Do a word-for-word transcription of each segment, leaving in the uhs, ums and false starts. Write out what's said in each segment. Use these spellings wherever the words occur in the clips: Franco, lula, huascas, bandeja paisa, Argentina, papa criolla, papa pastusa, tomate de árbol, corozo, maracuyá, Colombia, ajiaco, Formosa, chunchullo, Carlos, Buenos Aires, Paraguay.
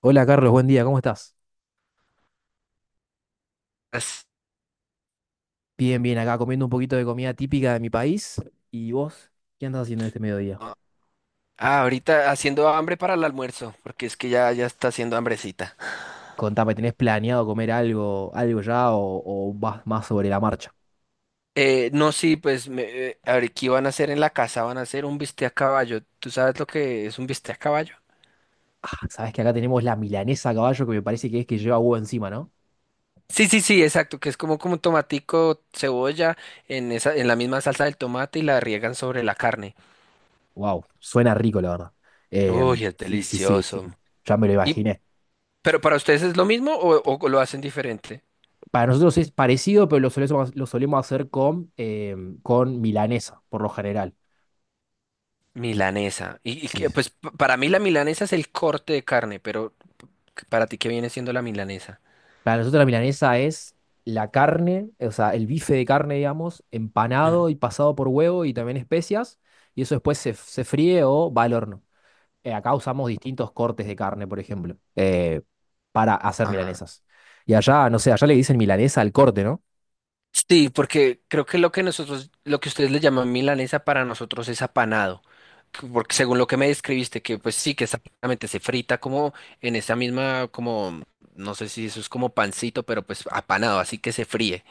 Hola Carlos, buen día, ¿cómo estás? As- Bien, bien, acá comiendo un poquito de comida típica de mi país. ¿Y vos qué andás haciendo en este mediodía? Ah, ahorita haciendo hambre para el almuerzo, porque es que ya, ya está haciendo hambrecita. Contame, ¿tenés planeado comer algo, algo ya o, o vas más sobre la marcha? Eh, no, sí, pues me, eh, a ver, ¿qué van a hacer en la casa? Van a hacer un bistec a caballo. ¿Tú sabes lo que es un bistec a caballo? Ah, sabés que acá tenemos la milanesa a caballo que me parece que es que lleva huevo encima, ¿no? Sí, sí, sí, exacto, que es como, como tomatico, cebolla en esa, en la misma salsa del tomate y la riegan sobre la carne. Wow, suena rico, la verdad. Em, Uy, es Sí, sí, sí, delicioso. sí. Ya me lo Y, imaginé. pero ¿para ustedes es lo mismo o, o lo hacen diferente? Para nosotros es parecido, pero lo solemos, lo solemos hacer con, em, con milanesa, por lo general. Milanesa. Y, y Sí. que, pues p- para mí la milanesa es el corte de carne, pero para ti, ¿qué viene siendo la milanesa? Para nosotros la milanesa es la carne, o sea, el bife de carne, digamos, Ujú. empanado y pasado por huevo y también especias, y eso después se, se fríe o va al horno. Eh, acá usamos distintos cortes de carne, por ejemplo, eh, para hacer Ah, milanesas. Y allá, no sé, allá le dicen milanesa al corte, ¿no? sí, porque creo que lo que nosotros, lo que ustedes le llaman milanesa para nosotros es apanado. que- Porque según lo que me describiste, que pues sí, que esa- prácticamente se frita como en esa misma, como, no sé si eso es como pancito, pero pues apanado, así que se fríe.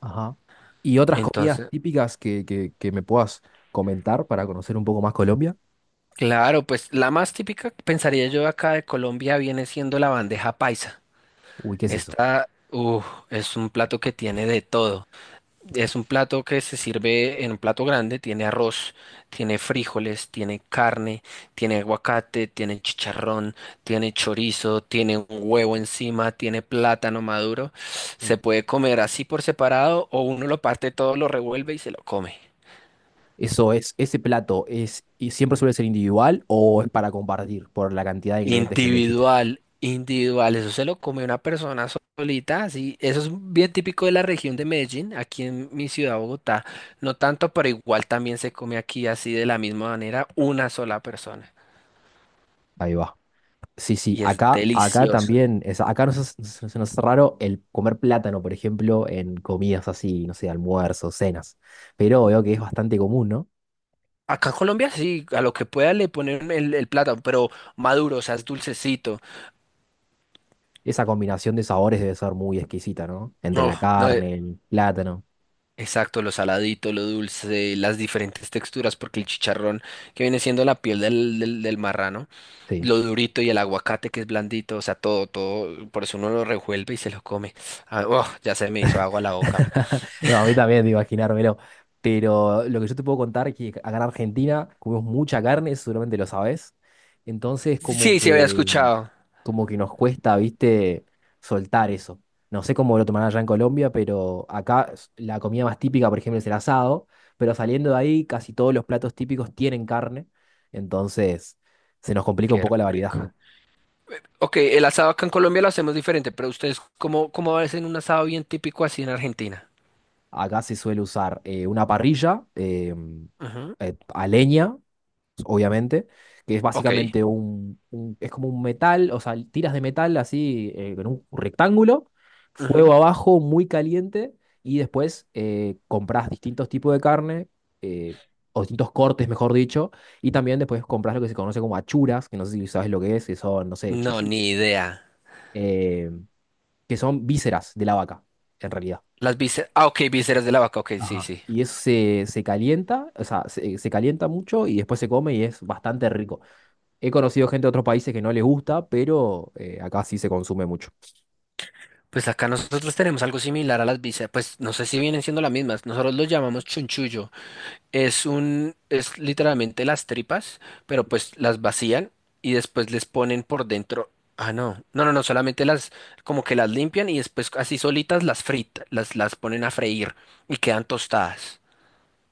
Ajá. Y otras comidas Entonces, típicas que, que, que me puedas comentar para conocer un poco más Colombia. claro, pues la más típica, pensaría yo acá de Colombia, viene siendo la bandeja paisa. Uy, ¿qué es eso? Esta, uh, es un plato que tiene de todo. Es un plato que se sirve en un plato grande, tiene arroz, tiene frijoles, tiene carne, tiene aguacate, tiene chicharrón, tiene chorizo, tiene un huevo encima, tiene plátano maduro. Se puede comer así por separado o uno lo parte todo, lo revuelve y se lo come. Eso es, ese plato es, y siempre suele ser individual o es para compartir por la cantidad de ingredientes que me dijiste. Individual, individual, eso se lo come una persona solita, así. Eso es bien típico de la región de Medellín. Aquí en mi ciudad, Bogotá, no tanto, pero igual también se come aquí así de la misma manera, una sola persona, Ahí va. Sí, sí, y es acá, acá delicioso. también, es- acá nos, hace- se se nos hace raro el comer plátano, por ejemplo, en comidas así, no sé, almuerzos, cenas. Pero veo que es bastante común, ¿no? Acá en Colombia sí, a lo que pueda le ponen el, el plátano, pero maduro, o sea, es dulcecito. Esa combinación de sabores debe ser muy exquisita, ¿no? Entre No, la no, carne, el plátano. exacto, lo saladito, lo dulce, las diferentes texturas, porque el chicharrón que viene siendo la piel del, del, del marrano, Sí. lo durito, y el aguacate que es blandito. O sea, todo, todo, por eso uno lo revuelve y se lo come. Ah, oh, ya se me hizo agua la boca. No, a mí también, de imaginármelo. Pero lo que yo te puedo contar es que acá en Argentina comemos mucha carne, eso seguramente lo sabes. Entonces, como Sí, sí, había que, escuchado. como que nos cuesta, viste, soltar eso. No sé cómo lo tomarán allá en Colombia, pero acá s- la comida más típica, por ejemplo, es el asado. Pero saliendo de ahí, casi todos los platos típicos tienen carne. Entonces, se nos complica un Qué poco la variedad. rico. Ok, el asado acá en Colombia lo hacemos diferente, pero ustedes, ¿cómo, cómo hacen un asado bien típico así en Argentina? Acá se suele usar eh, una parrilla eh, Ujú. eh, a leña obviamente, que es Ok, básicamente un, un- es como un metal, o sea, tiras de metal así eh, en un rectángulo, ujú. fuego abajo, muy caliente, y después eh, compras distintos tipos de carne, eh, o distintos cortes, mejor dicho, y también después compras lo que se conoce como achuras, que no sé si sabes lo que es, que son, no sé, No, chichu, ni idea. eh, que son vísceras de la vaca, en realidad. Las vísceras, ah, ok, vísceras de la vaca, ok, sí, Ajá. sí. Y eso se, se calienta, o sea, se, se calienta mucho y después se come y es bastante rico. He conocido gente de otros países que no les gusta, pero eh, acá sí se consume mucho. Pues acá nosotros tenemos algo similar a las bisas, pues no sé si vienen siendo las mismas, nosotros lo llamamos chunchullo, es un, es literalmente las tripas, pero pues las vacían y después les ponen por dentro, ah no, no, no, no, solamente las, como que las limpian y después así solitas las fritan, las, las ponen a freír y quedan tostadas.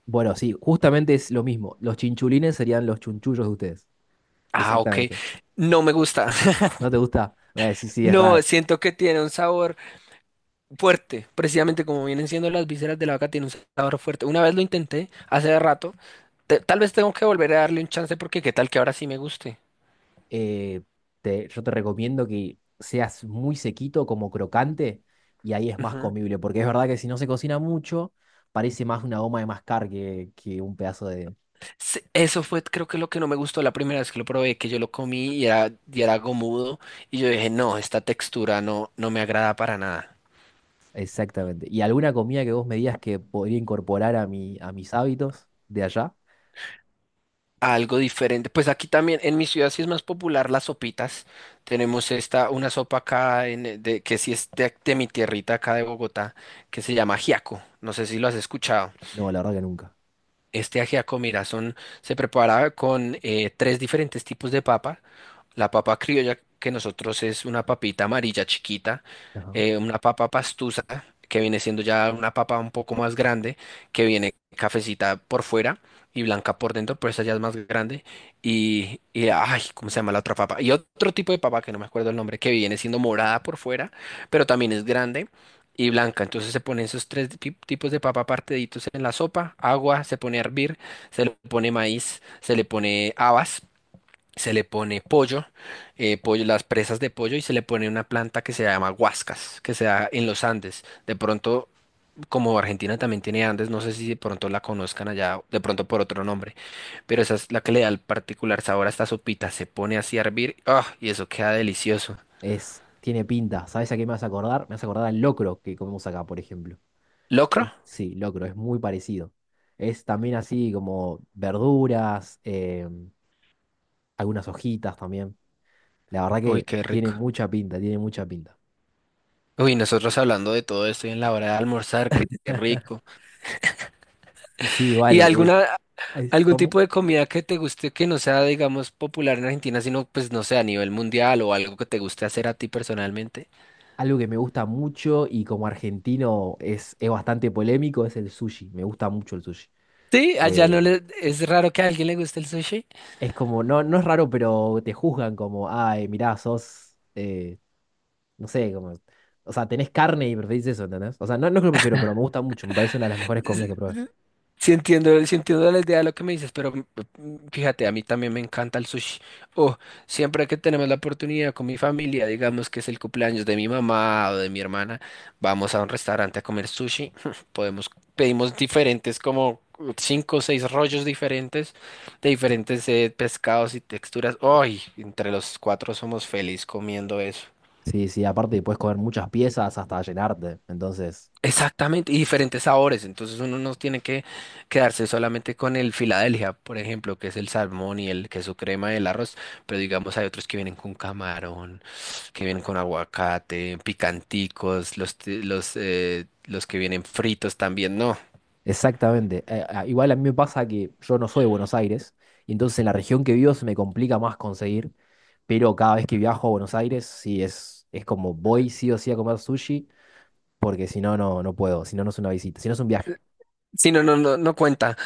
Bueno, sí, justamente es lo mismo. Los chinchulines serían los chunchullos de ustedes. Ah, ok, Exactamente. no me gusta, ¿No te gusta? Eh, sí, sí, es no, raro. siento que tiene un sabor fuerte, precisamente como vienen siendo las vísceras de la vaca, tiene un sabor fuerte. Una vez lo intenté, hace rato, te- tal vez tengo que volver a darle un chance porque qué tal que ahora sí me guste. Eh, te- yo te recomiendo que seas muy sequito, como crocante, y ahí es más Ujú. comible, porque es verdad que si no se cocina mucho, parece más una goma de mascar que, que un pedazo de... Sí, eso fue, creo que lo que no me gustó la primera vez que lo probé, que yo lo comí y era, y era gomudo, y yo dije, no, esta textura no, no me agrada para nada. Exactamente. ¿Y alguna comida que vos me digas que podría incorporar a mi, a mis hábitos de allá? Algo diferente. Pues aquí también, en mi ciudad sí es más popular las sopitas. Tenemos esta, una sopa acá en, eh, de, que sí es de, de mi tierrita acá de Bogotá, que se llama ajiaco. No sé si lo has escuchado. No, la verdad que nunca. Este ajiaco mira, son se preparaba con eh, tres diferentes tipos de papa. La papa criolla, que nosotros es una papita amarilla chiquita, Ajá. eh, una papa pastusa, que viene siendo ya una papa un poco más grande, que viene cafecita por fuera y blanca por dentro, pero esa ya es más grande. Y, y, ay, ¿cómo se llama la otra papa? Y otro tipo de papa que no me acuerdo el nombre, que viene siendo morada por fuera, pero también es grande y blanca. Entonces se ponen esos tres pi- tipos de papa partiditos en la sopa, agua, se pone a hervir, se le pone maíz, se le pone habas, se le pone pollo, eh, pollo, las presas de pollo, y se le pone una planta que se llama huascas, que se da en los Andes. De pronto, como Argentina también tiene Andes, no sé si de pronto la conozcan allá, de pronto por otro nombre, pero esa es la que le da el particular sabor a esta sopita. Se pone así a hervir, ¡ah! Y eso queda delicioso. Es, tiene pinta. ¿Sabes a qué me vas a acordar? Me vas a acordar al locro que comemos acá, por ejemplo. ¿Locro? Sí. Sí, locro, es muy parecido. Es también así como verduras, em, algunas hojitas también. La verdad Uy, que qué tiene rico. mucha pinta, tiene mucha pinta. Uy, nosotros hablando de todo esto y en la hora de almorzar, qué, qué rico. Sí, ¿Y igual, es, alguna, es algún como tipo de comida que te guste que no sea, digamos, popular en Argentina, sino, pues, no sé, a nivel mundial o algo que te guste hacer a ti personalmente? algo que me gusta mucho y como argentino es, es bastante polémico, es el sushi. Me gusta mucho el sushi. Sí, allá no Eh, le, es raro que a alguien le guste el sushi. es como, no, no es raro, pero te juzgan como, ay, mirá, sos... eh, No sé, como. O sea, tenés carne y preferís eso, ¿entendés? O sea, no, no es que lo prefiero, pero me gusta mucho. Me parece una de las mejores comidas que probé. Sí entiendo, sí entiendo la idea de lo que me dices, pero mm, mm, fíjate, a mí también me encanta el sushi. Oh, siempre que tenemos la oportunidad con mi familia, digamos que es el cumpleaños de mi mamá o de mi hermana, vamos a un restaurante a comer sushi. Podemos, pedimos diferentes, como uh, cinco o seis rollos diferentes, de diferentes eh, pescados y texturas. Ay, entre los cuatro somos felices comiendo eso. Sí, sí, aparte puedes comer muchas piezas hasta llenarte. Entonces, Exactamente, y diferentes sabores. Entonces uno no tiene que quedarse solamente con el Filadelfia, por ejemplo, que es el salmón y el queso crema y el arroz, pero digamos hay otros que vienen con camarón, que vienen con aguacate, picanticos, los, t- los, eh, los que vienen fritos también, no. exactamente. Eh, ah, igual a mí me pasa que yo no soy de Buenos Aires, y entonces en la región que vivo se me complica más conseguir. Pero cada vez que viajo a Buenos Aires, sí es, es como voy sí o sí a comer sushi, porque si no, no, no puedo. Si no, no es una visita, si no es un viaje. Sí, no, no, no, no cuenta.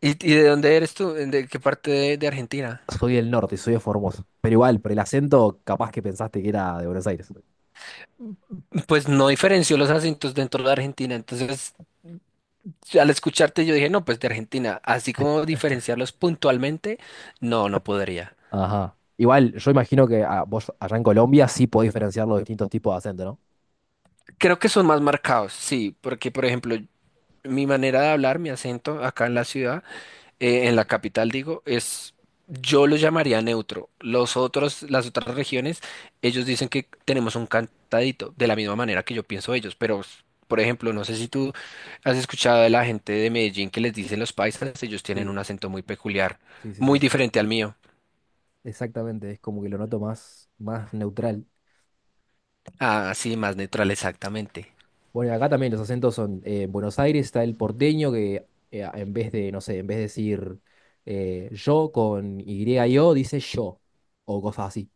¿Y, y de dónde eres tú? ¿De qué parte de, de Argentina? Soy del norte, soy de Formosa. Pero igual, por el acento, capaz que pensaste que era de Buenos Aires. Pues no diferenció los acentos dentro de Argentina, entonces al escucharte yo dije, no, pues de Argentina, así como diferenciarlos puntualmente, no, no podría. Ajá. Igual, yo imagino que ah, vos allá en Colombia sí podés diferenciar los distintos tipos de acento, ¿no? Creo que son más marcados, sí, porque por ejemplo, mi manera de hablar, mi acento acá en la ciudad, eh, en la capital digo, es, yo lo llamaría neutro. Los otros, las otras regiones, ellos dicen que tenemos un cantadito, de la misma manera que yo pienso ellos, pero... Por ejemplo, no sé si tú has escuchado de la gente de Medellín que les dicen los paisas, ellos tienen Sí, un acento muy peculiar, sí, sí, muy sí. diferente al mío. Exactamente, es como que lo noto más, más neutral. Ah, sí, más neutral, exactamente. Bueno, y acá también los acentos son, eh, en Buenos Aires está el porteño que eh, a- en vez de, no sé, en vez de decir eh, yo con Y-O, dice yo, o cosas así.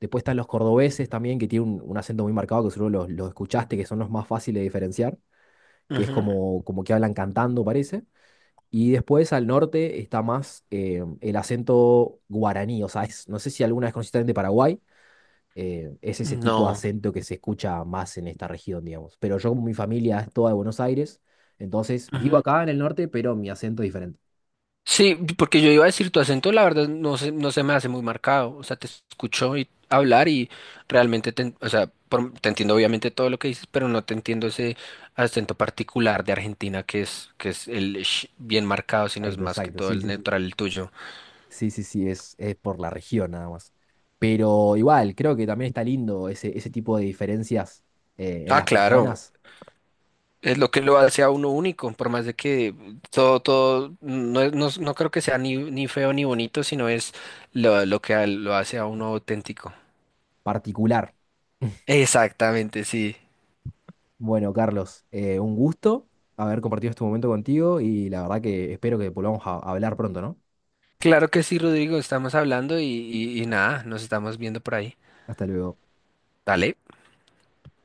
Después están los cordobeses también, que tienen un, un acento muy marcado, que seguro los, los escuchaste, que son los más fáciles de diferenciar, que es Ujú, como, como que hablan cantando, parece. Y después al norte está más eh, el acento guaraní, o sea, es- no sé si alguna vez conociste también de Paraguay, eh, es ese tipo de no, acento que se escucha más en esta región, digamos. Pero yo, como mi familia es toda de Buenos Aires, entonces vivo ujú. acá en el norte, pero mi acento es diferente. Sí, porque yo iba a decir tu acento, la verdad, no se, no se me hace muy marcado. O sea, te escucho y hablar y realmente te, en- o sea, por- te entiendo obviamente todo lo que dices, pero no te entiendo ese acento particular de Argentina que es, que es el sh bien marcado, sino es Exacto, más que exacto, todo sí, el sí, sí. neutral el tuyo. Sí, sí, sí, es, es por la región nada más. Pero igual, creo que también está lindo ese, ese tipo de diferencias eh, en Ah, las claro. personas, Es lo que lo hace a uno único, por más de que todo, todo, no, es- no, es- no creo que sea ni, ni feo ni bonito, sino es lo, lo que a- lo hace a uno auténtico. particular. Exactamente, sí. Bueno, Carlos, eh, un gusto haber compartido este momento contigo y la verdad que espero que volvamos a hablar pronto, ¿no? Claro que sí, Rodrigo, estamos hablando y, y y nada, nos estamos viendo por ahí. Hasta luego. Dale.